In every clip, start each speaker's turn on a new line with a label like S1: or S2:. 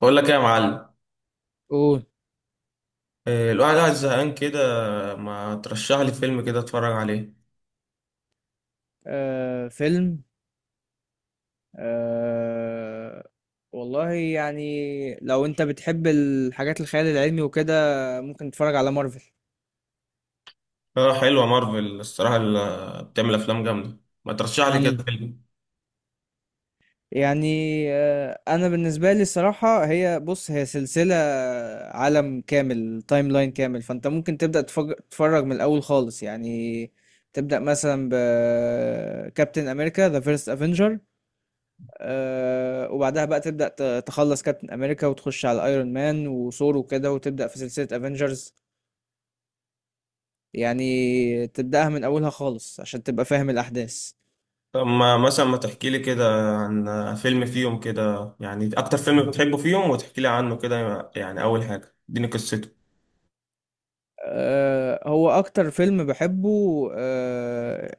S1: بقول لك ايه يا معلم.
S2: قول.
S1: إيه، الواحد قاعد زهقان كده. ما ترشح لي فيلم كده اتفرج عليه.
S2: فيلم. آه والله يعني، لو انت بتحب الحاجات الخيال العلمي وكده ممكن تتفرج على مارفل.
S1: اه، حلوه مارفل الصراحه اللي بتعمل افلام جامده. ما ترشح لي
S2: امم
S1: كده فيلم.
S2: يعني، انا بالنسبه لي الصراحه هي سلسله، عالم كامل تايم لاين كامل، فانت ممكن تبدا تتفرج من الاول خالص يعني. تبدا مثلا بكابتن امريكا ذا فيرست افنجر، وبعدها بقى تبدأ تخلص كابتن أمريكا وتخش على ايرون مان وثور وكده وتبدأ في سلسلة افنجرز، يعني تبدأها من أولها خالص عشان تبقى فاهم الأحداث.
S1: طب ما مثلا ما تحكي لي كده عن فيلم فيهم، كده يعني اكتر فيلم بتحبه فيهم، وتحكي لي عنه كده، يعني اول حاجه اديني قصته.
S2: هو أكتر فيلم بحبه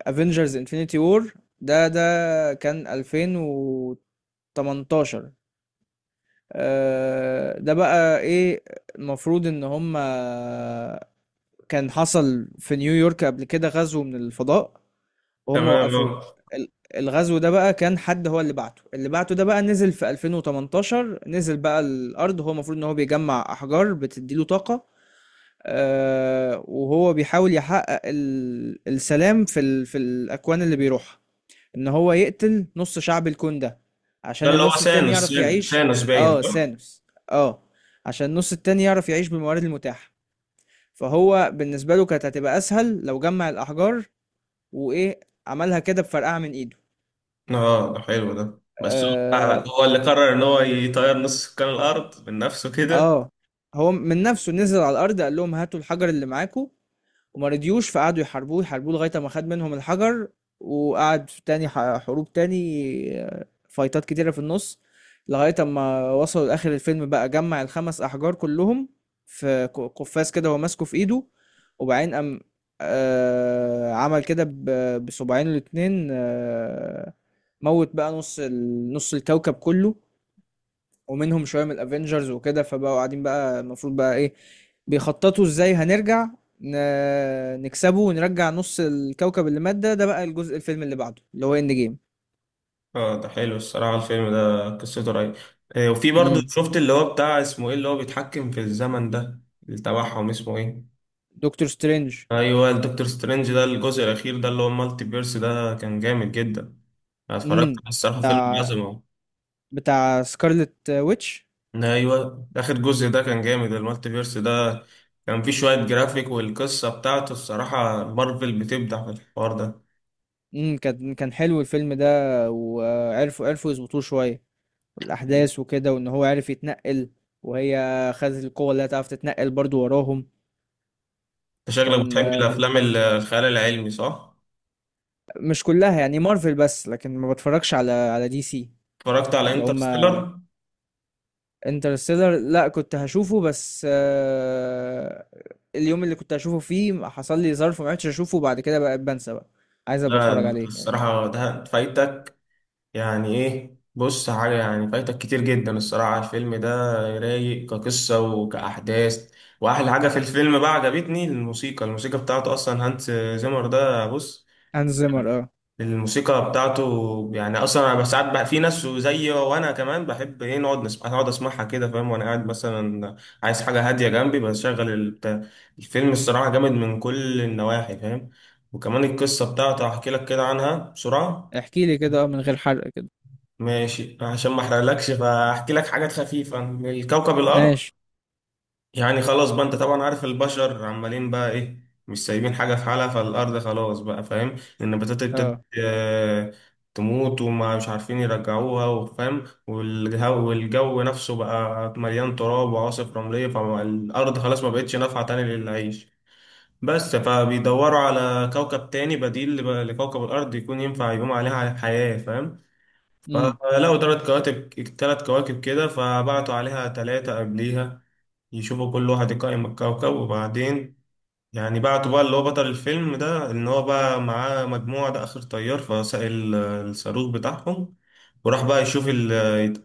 S2: افنجرز انفينيتي وور. ده كان 2018. آه، ده بقى ايه؟ المفروض ان هما كان حصل في نيويورك قبل كده غزو من الفضاء وهم
S1: تمام
S2: وقفوه.
S1: اه.
S2: ال- الغزو ده بقى كان حد هو اللي بعته، ده بقى نزل في 2018، نزل بقى الأرض. هو المفروض إن هو بيجمع أحجار بتديله طاقة. آه، وهو بيحاول يحقق السلام في ال في الأكوان اللي بيروحها، إن هو يقتل نص شعب الكون ده
S1: ده
S2: عشان
S1: اللي هو
S2: النص التاني
S1: سانوس،
S2: يعرف
S1: سانوس
S2: يعيش.
S1: سانوس باين،
S2: اه
S1: صح؟
S2: ثانوس. اه عشان النص التاني يعرف يعيش بالموارد المتاحة، فهو بالنسبة له كانت هتبقى أسهل لو جمع الأحجار وإيه، عملها كده بفرقعة من إيده.
S1: اه ده حلو ده، بس
S2: اه.
S1: هو هو اللي قرر ان هو يطير نص سكان الارض من نفسه كده.
S2: آه. هو من نفسه نزل على الارض قال لهم هاتوا الحجر اللي معاكم، وما رضيوش، فقعدوا يحاربوه يحاربوه لغايه ما خد منهم الحجر، وقعد في تاني حروب تاني، آه، فايتات كتيره في النص، لغايه ما وصلوا لاخر الفيلم بقى جمع الخمس احجار كلهم في قفاز كده هو ماسكه في ايده، وبعدين قام عمل كده بصباعين الاتنين. آه، موت بقى نص الكوكب كله ومنهم شويه من الافينجرز وكده، فبقوا قاعدين بقى المفروض بقى ايه، بيخططوا ازاي هنرجع نكسبه ونرجع نص الكوكب اللي مات ده. ده بقى الجزء الفيلم اللي بعده اللي هو اند جيم.
S1: اه ده حلو الصراحة، الفيلم ده قصته رهيبة. آه، وفي برضه
S2: امم،
S1: شفت اللي هو بتاع اسمه ايه اللي هو بيتحكم في الزمن ده اللي تبعهم، اسمه ايه؟
S2: دكتور سترينج.
S1: ايوه، الدكتور سترينج ده، الجزء الاخير ده اللي هو المالتي بيرس ده كان جامد جدا. انا اتفرجت
S2: امم،
S1: على الصراحة فيلم
S2: بتاع
S1: عظمة.
S2: بتاع سكارلت ويتش.
S1: ايوه اخر جزء ده كان جامد، المالتي بيرس ده كان فيه شوية جرافيك، والقصة بتاعته الصراحة مارفل بتبدع في الحوار ده.
S2: امم، كان كان حلو الفيلم ده، وعرفوا عرفوا يظبطوه شويه
S1: انت
S2: الاحداث وكده، وان هو عرف يتنقل، وهي خدت القوه اللي هتعرف تتنقل برضو وراهم.
S1: شكلك
S2: كان
S1: بتحب الافلام الخيال العلمي، صح؟
S2: مش كلها، يعني مارفل بس، لكن ما بتفرجش على على دي سي.
S1: اتفرجت على
S2: اللي هم
S1: انترستيلر؟
S2: انترستيلر لا كنت هشوفه، بس اليوم اللي كنت هشوفه فيه حصل لي ظرف ما عرفتش اشوفه، بعد كده بقى بنسى بقى. عايز ابقى
S1: لا
S2: اتفرج
S1: انت
S2: عليه.
S1: الصراحة ده فايتك، يعني ايه بص حاجة، يعني فايتك كتير جدا الصراحة الفيلم ده. رايق كقصة وكأحداث، وأحلى حاجة في الفيلم بقى عجبتني الموسيقى، الموسيقى بتاعته أصلا هانس زيمر ده بص.
S2: هانز زيمر، اه.
S1: الموسيقى بتاعته يعني أصلا أنا ساعات بقى في ناس زيي وأنا كمان بحب إيه نقعد نسمع، نقعد أسمعها كده فاهم، وأنا قاعد مثلا عايز حاجة هادية جنبي بشغل البتاع. الفيلم الصراحة جامد من كل النواحي فاهم، وكمان القصة بتاعته هحكي لك كده عنها بسرعة.
S2: احكي لي كده، اه، من غير حرق كده.
S1: ماشي عشان ما احرقلكش فاحكي لك حاجات خفيفة عن الكوكب الأرض.
S2: ماشي.
S1: يعني خلاص بقى أنت طبعا عارف البشر عمالين بقى إيه، مش سايبين حاجة في حالها، فالأرض خلاص بقى فاهم. النباتات ابتدت
S2: اه.
S1: تموت، وما مش عارفين يرجعوها وفاهم، والجو نفسه بقى مليان تراب وعواصف رملية، فالأرض خلاص ما بقتش نافعة تاني للعيش. بس فبيدوروا على كوكب تاني بديل لكوكب الأرض يكون ينفع يقوم عليها حياة فاهم.
S2: امم.
S1: فلقوا تلات كواكب، تلات كواكب كده، فبعتوا عليها تلاتة قبليها يشوفوا كل واحد يقيم الكوكب. وبعدين يعني بعتوا بقى اللي هو بطل الفيلم ده، إن هو بقى معاه مجموعة ده آخر طيار، فساق الصاروخ بتاعهم، وراح بقى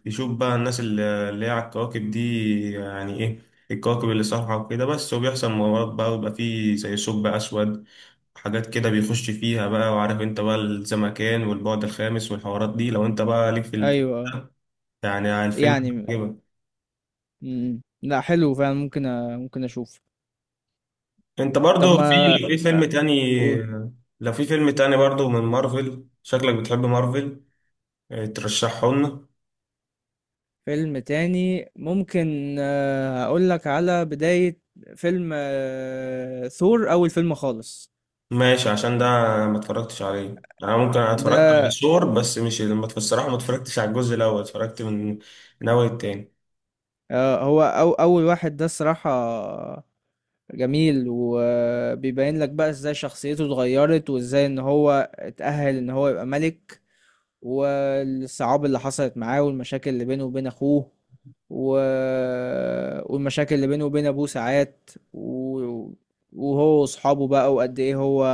S1: يشوف بقى الناس اللي هي على الكواكب دي، يعني إيه الكواكب اللي صالحة وكده. بس وبيحصل مغامرات بقى، ويبقى فيه زي ثقب أسود، حاجات كده بيخش فيها بقى، وعارف انت بقى الزمكان والبعد الخامس والحوارات دي لو انت بقى ليك في.
S2: ايوه. آه.
S1: يعني عن الفيلم،
S2: يعني،
S1: عجبك؟
S2: لا حلو فعلا، ممكن أ... ممكن اشوف.
S1: انت
S2: طب
S1: برضو في،
S2: ما،
S1: لو في
S2: آه،
S1: فيلم تاني، لو في فيلم تاني برضو من مارفل، شكلك بتحب مارفل اه، ترشحه لنا.
S2: فيلم تاني ممكن، اقول لك على بداية فيلم، آه، ثور، اول فيلم خالص
S1: ماشي عشان ده ما اتفرجتش عليه انا، ممكن انا اتفرجت
S2: ده.
S1: على ثور بس مش ما الصراحه ما اتفرجتش على الجزء الاول، اتفرجت من من اول التاني.
S2: هو أو اول واحد ده الصراحة جميل، وبيبين لك بقى ازاي شخصيته اتغيرت وازاي ان هو اتأهل ان هو يبقى ملك، والصعاب اللي حصلت معاه، والمشاكل اللي بينه وبين اخوه و... والمشاكل اللي بينه وبين ابوه ساعات و... وهو واصحابه بقى، وقد ايه هو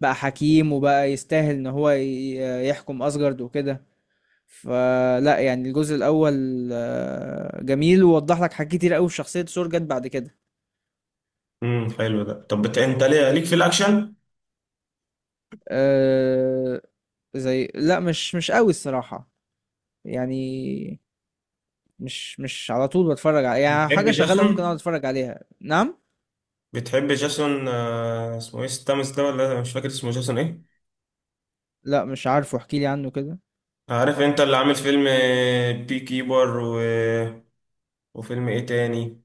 S2: بقى حكيم وبقى يستاهل ان هو يحكم اسجارد وكده. فلا يعني الجزء الاول، آه، جميل ووضح لك حاجات كتير قوي في شخصية سور جت بعد كده.
S1: حلو ده. طب انت ليه ليك في الاكشن؟
S2: آه، زي لا مش مش قوي الصراحة، يعني مش مش على طول بتفرج على، يعني
S1: بتحب
S2: حاجة شغالة
S1: جاسون؟
S2: ممكن اقعد اتفرج عليها. نعم.
S1: بتحب جاسون آه، اسمه ايه ستامس ده ولا مش فاكر اسمه جاسون ايه.
S2: لا مش عارفه، احكي لي عنه كده.
S1: عارف انت اللي عامل فيلم آه، بي كيبر و وفيلم ايه تاني،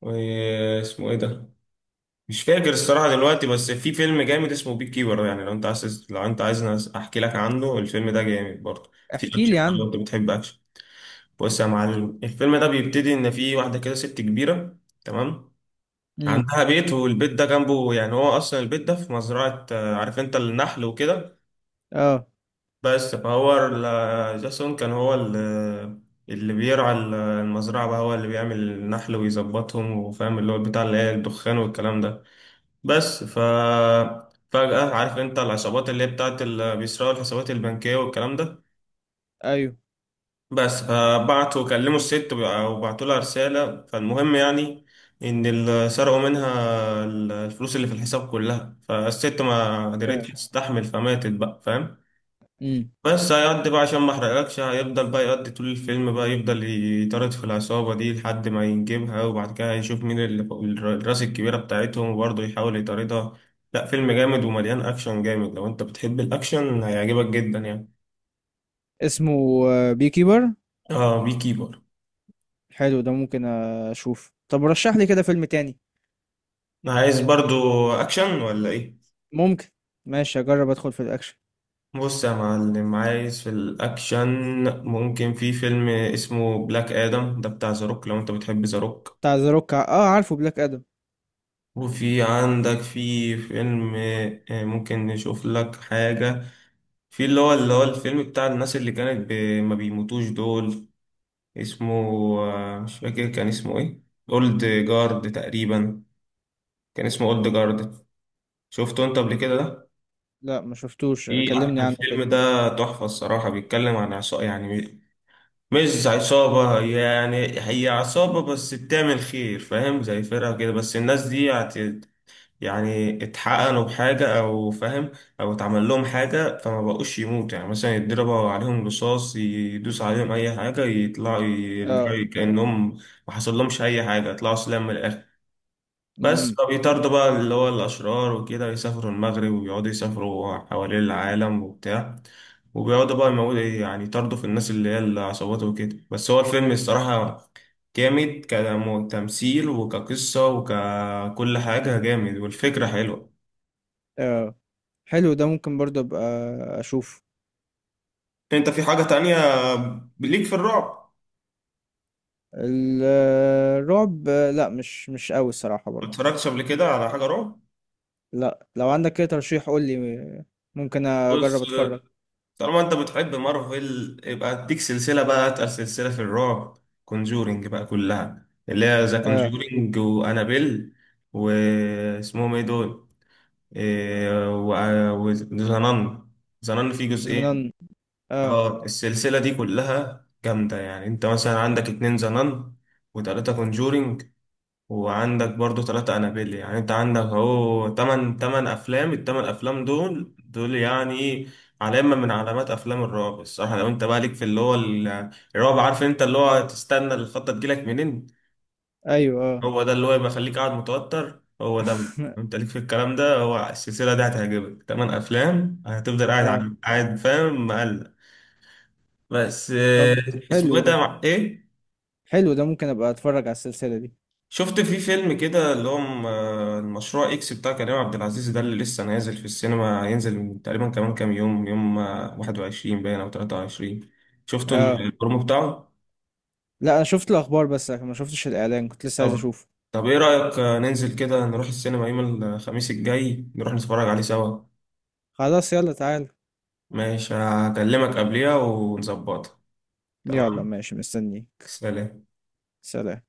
S1: واسمه ايه ده، مش فاكر الصراحة دلوقتي، بس في فيلم جامد اسمه بيك كيبر، يعني لو انت عايز لو انت عايز احكي لك عنه، الفيلم ده جامد برضه في
S2: احكي
S1: اكشن
S2: لي
S1: بقى لو
S2: عنه.
S1: انت بتحب اكشن. بص يا معلم الفيلم ده بيبتدي ان في واحدة كده ست كبيرة، تمام،
S2: امم.
S1: عندها بيت، والبيت ده جنبه، يعني هو اصلا البيت ده في مزرعة آه، عارف انت النحل وكده.
S2: اه.
S1: بس فهو جاسون كان هو اللي بيرعى المزرعة بقى، هو اللي بيعمل النحل ويظبطهم وفاهم اللي هو بتاع اللي هي الدخان والكلام ده. بس ف فجأة عارف انت العصابات اللي هي بتاعت اللي بيسرقوا الحسابات البنكية والكلام ده.
S2: ايوه.
S1: بس فبعتوا كلموا الست وبعتوا لها رسالة، فالمهم يعني ان سرقوا منها الفلوس اللي في الحساب كلها، فالست ما قدرتش تستحمل فماتت بقى فاهم.
S2: امم.
S1: بس هيقضي بقى، عشان ما احرقلكش، هيفضل بقى يقضي طول الفيلم بقى، يفضل يطارد في العصابة دي لحد ما ينجبها، وبعد كده هيشوف مين اللي الراس الكبيرة بتاعتهم، وبرضه يحاول يطاردها. لا فيلم جامد ومليان أكشن جامد، لو أنت بتحب الأكشن هيعجبك جدا يعني.
S2: اسمه بي كيبر؟
S1: اه بي كيبر.
S2: حلو ده، ممكن اشوف. طب رشح لي كده فيلم تاني
S1: عايز برضه أكشن ولا إيه؟
S2: ممكن. ماشي اجرب ادخل في الاكشن.
S1: بص يا معلم عايز في الأكشن، ممكن في فيلم اسمه بلاك آدم ده بتاع زاروك، لو أنت بتحب زاروك.
S2: بتاع ذا روك، اه عارفه بلاك ادم.
S1: وفي عندك في فيلم ممكن نشوف لك حاجة، في اللي هو الفيلم بتاع الناس اللي كانت ما بيموتوش دول، اسمه آه، مش فاكر كان اسمه ايه، اولد جارد تقريبا، كان اسمه اولد جارد. شفته انت قبل كده ده؟
S2: لا ما شفتوش،
S1: في
S2: كلمني عنه
S1: الفيلم
S2: كده.
S1: ده تحفة الصراحة، بيتكلم عن عصابة يعني مش عصابة، يعني هي عصابة بس بتعمل خير فاهم، زي فرقة كده، بس الناس دي يعني اتحقق لهم حاجة أو فاهم، أو اتعمل لهم حاجة فما بقوش يموت، يعني مثلا يتضربوا عليهم رصاص، يدوس عليهم أي حاجة، يطلعوا
S2: اه.
S1: يرجعوا كأنهم ما حصل لهمش أي حاجة، يطلعوا سلام من الآخر. بس
S2: امم.
S1: فبيطاردوا بقى اللي هو الأشرار وكده، يسافروا المغرب ويقعدوا يسافروا حوالين العالم وبتاع، وبيقعدوا بقى يموتوا يعني، يطاردوا في الناس اللي هي العصابات وكده، بس هو الفيلم الصراحة جامد كتمثيل وكقصة وككل حاجة جامد، والفكرة حلوة.
S2: اه، حلو ده، ممكن برضه ابقى اشوف.
S1: انت في حاجة تانية ليك في الرعب؟
S2: ال- الرعب، آه، لا مش مش قوي الصراحة
S1: ما
S2: برضه.
S1: اتفرجتش قبل كده على حاجة رعب؟
S2: لا لو عندك كده ترشيح قول لي، ممكن
S1: بص،
S2: اجرب اتفرج.
S1: طالما انت بتحب مارفل يبقى اديك سلسلة بقى اتقل سلسلة في الرعب، كونجورينج بقى كلها، اللي هي ذا
S2: اه.
S1: كونجورينج وانابيل واسمهم ايه دول، إيه، وذا نان، ذا نان فيه
S2: زنان،
S1: جزئين.
S2: اه.
S1: اه السلسلة دي كلها جامدة، يعني انت مثلا عندك اتنين ذا نان، وتلاتة كونجورينج، وعندك برضو ثلاثة أنابيل، يعني أنت عندك أهو تمن تمن أفلام التمن أفلام، دول يعني علامة من علامات أفلام الرعب الصراحة. لو أنت بقى ليك في اللي هو الرعب، عارف أنت اللي هو تستنى الخطة تجيلك منين،
S2: ايوه. اه.
S1: هو ده اللي هو يبقى يخليك قاعد متوتر، هو ده بقى. لو أنت ليك في الكلام ده هو السلسلة دي هتعجبك، تمن أفلام هتفضل قاعد
S2: اه.
S1: قاعد فاهم مقلق بس
S2: طب،
S1: آه. اسمه
S2: حلو
S1: إيه
S2: ده،
S1: ده مع إيه؟
S2: حلو ده، ممكن ابقى اتفرج على السلسلة دي.
S1: شفت في فيلم كده اللي هو المشروع اكس بتاع كريم عبد العزيز ده اللي لسه نازل في السينما، هينزل تقريبا كمان كام يوم آه، 21 باين او 23؟ شفتوا
S2: اه.
S1: البرومو بتاعه؟
S2: لا انا شفت الاخبار بس، لكن ما شفتش الاعلان، كنت لسه عايز
S1: طب
S2: اشوفه.
S1: طب ايه رأيك آه، ننزل كده نروح السينما يوم الخميس الجاي، نروح نتفرج عليه سوا.
S2: خلاص يلا تعال.
S1: ماشي هكلمك قبليها ونظبطها.
S2: يلا
S1: تمام.
S2: ماشي، مستنيك.
S1: سلام.
S2: سلام.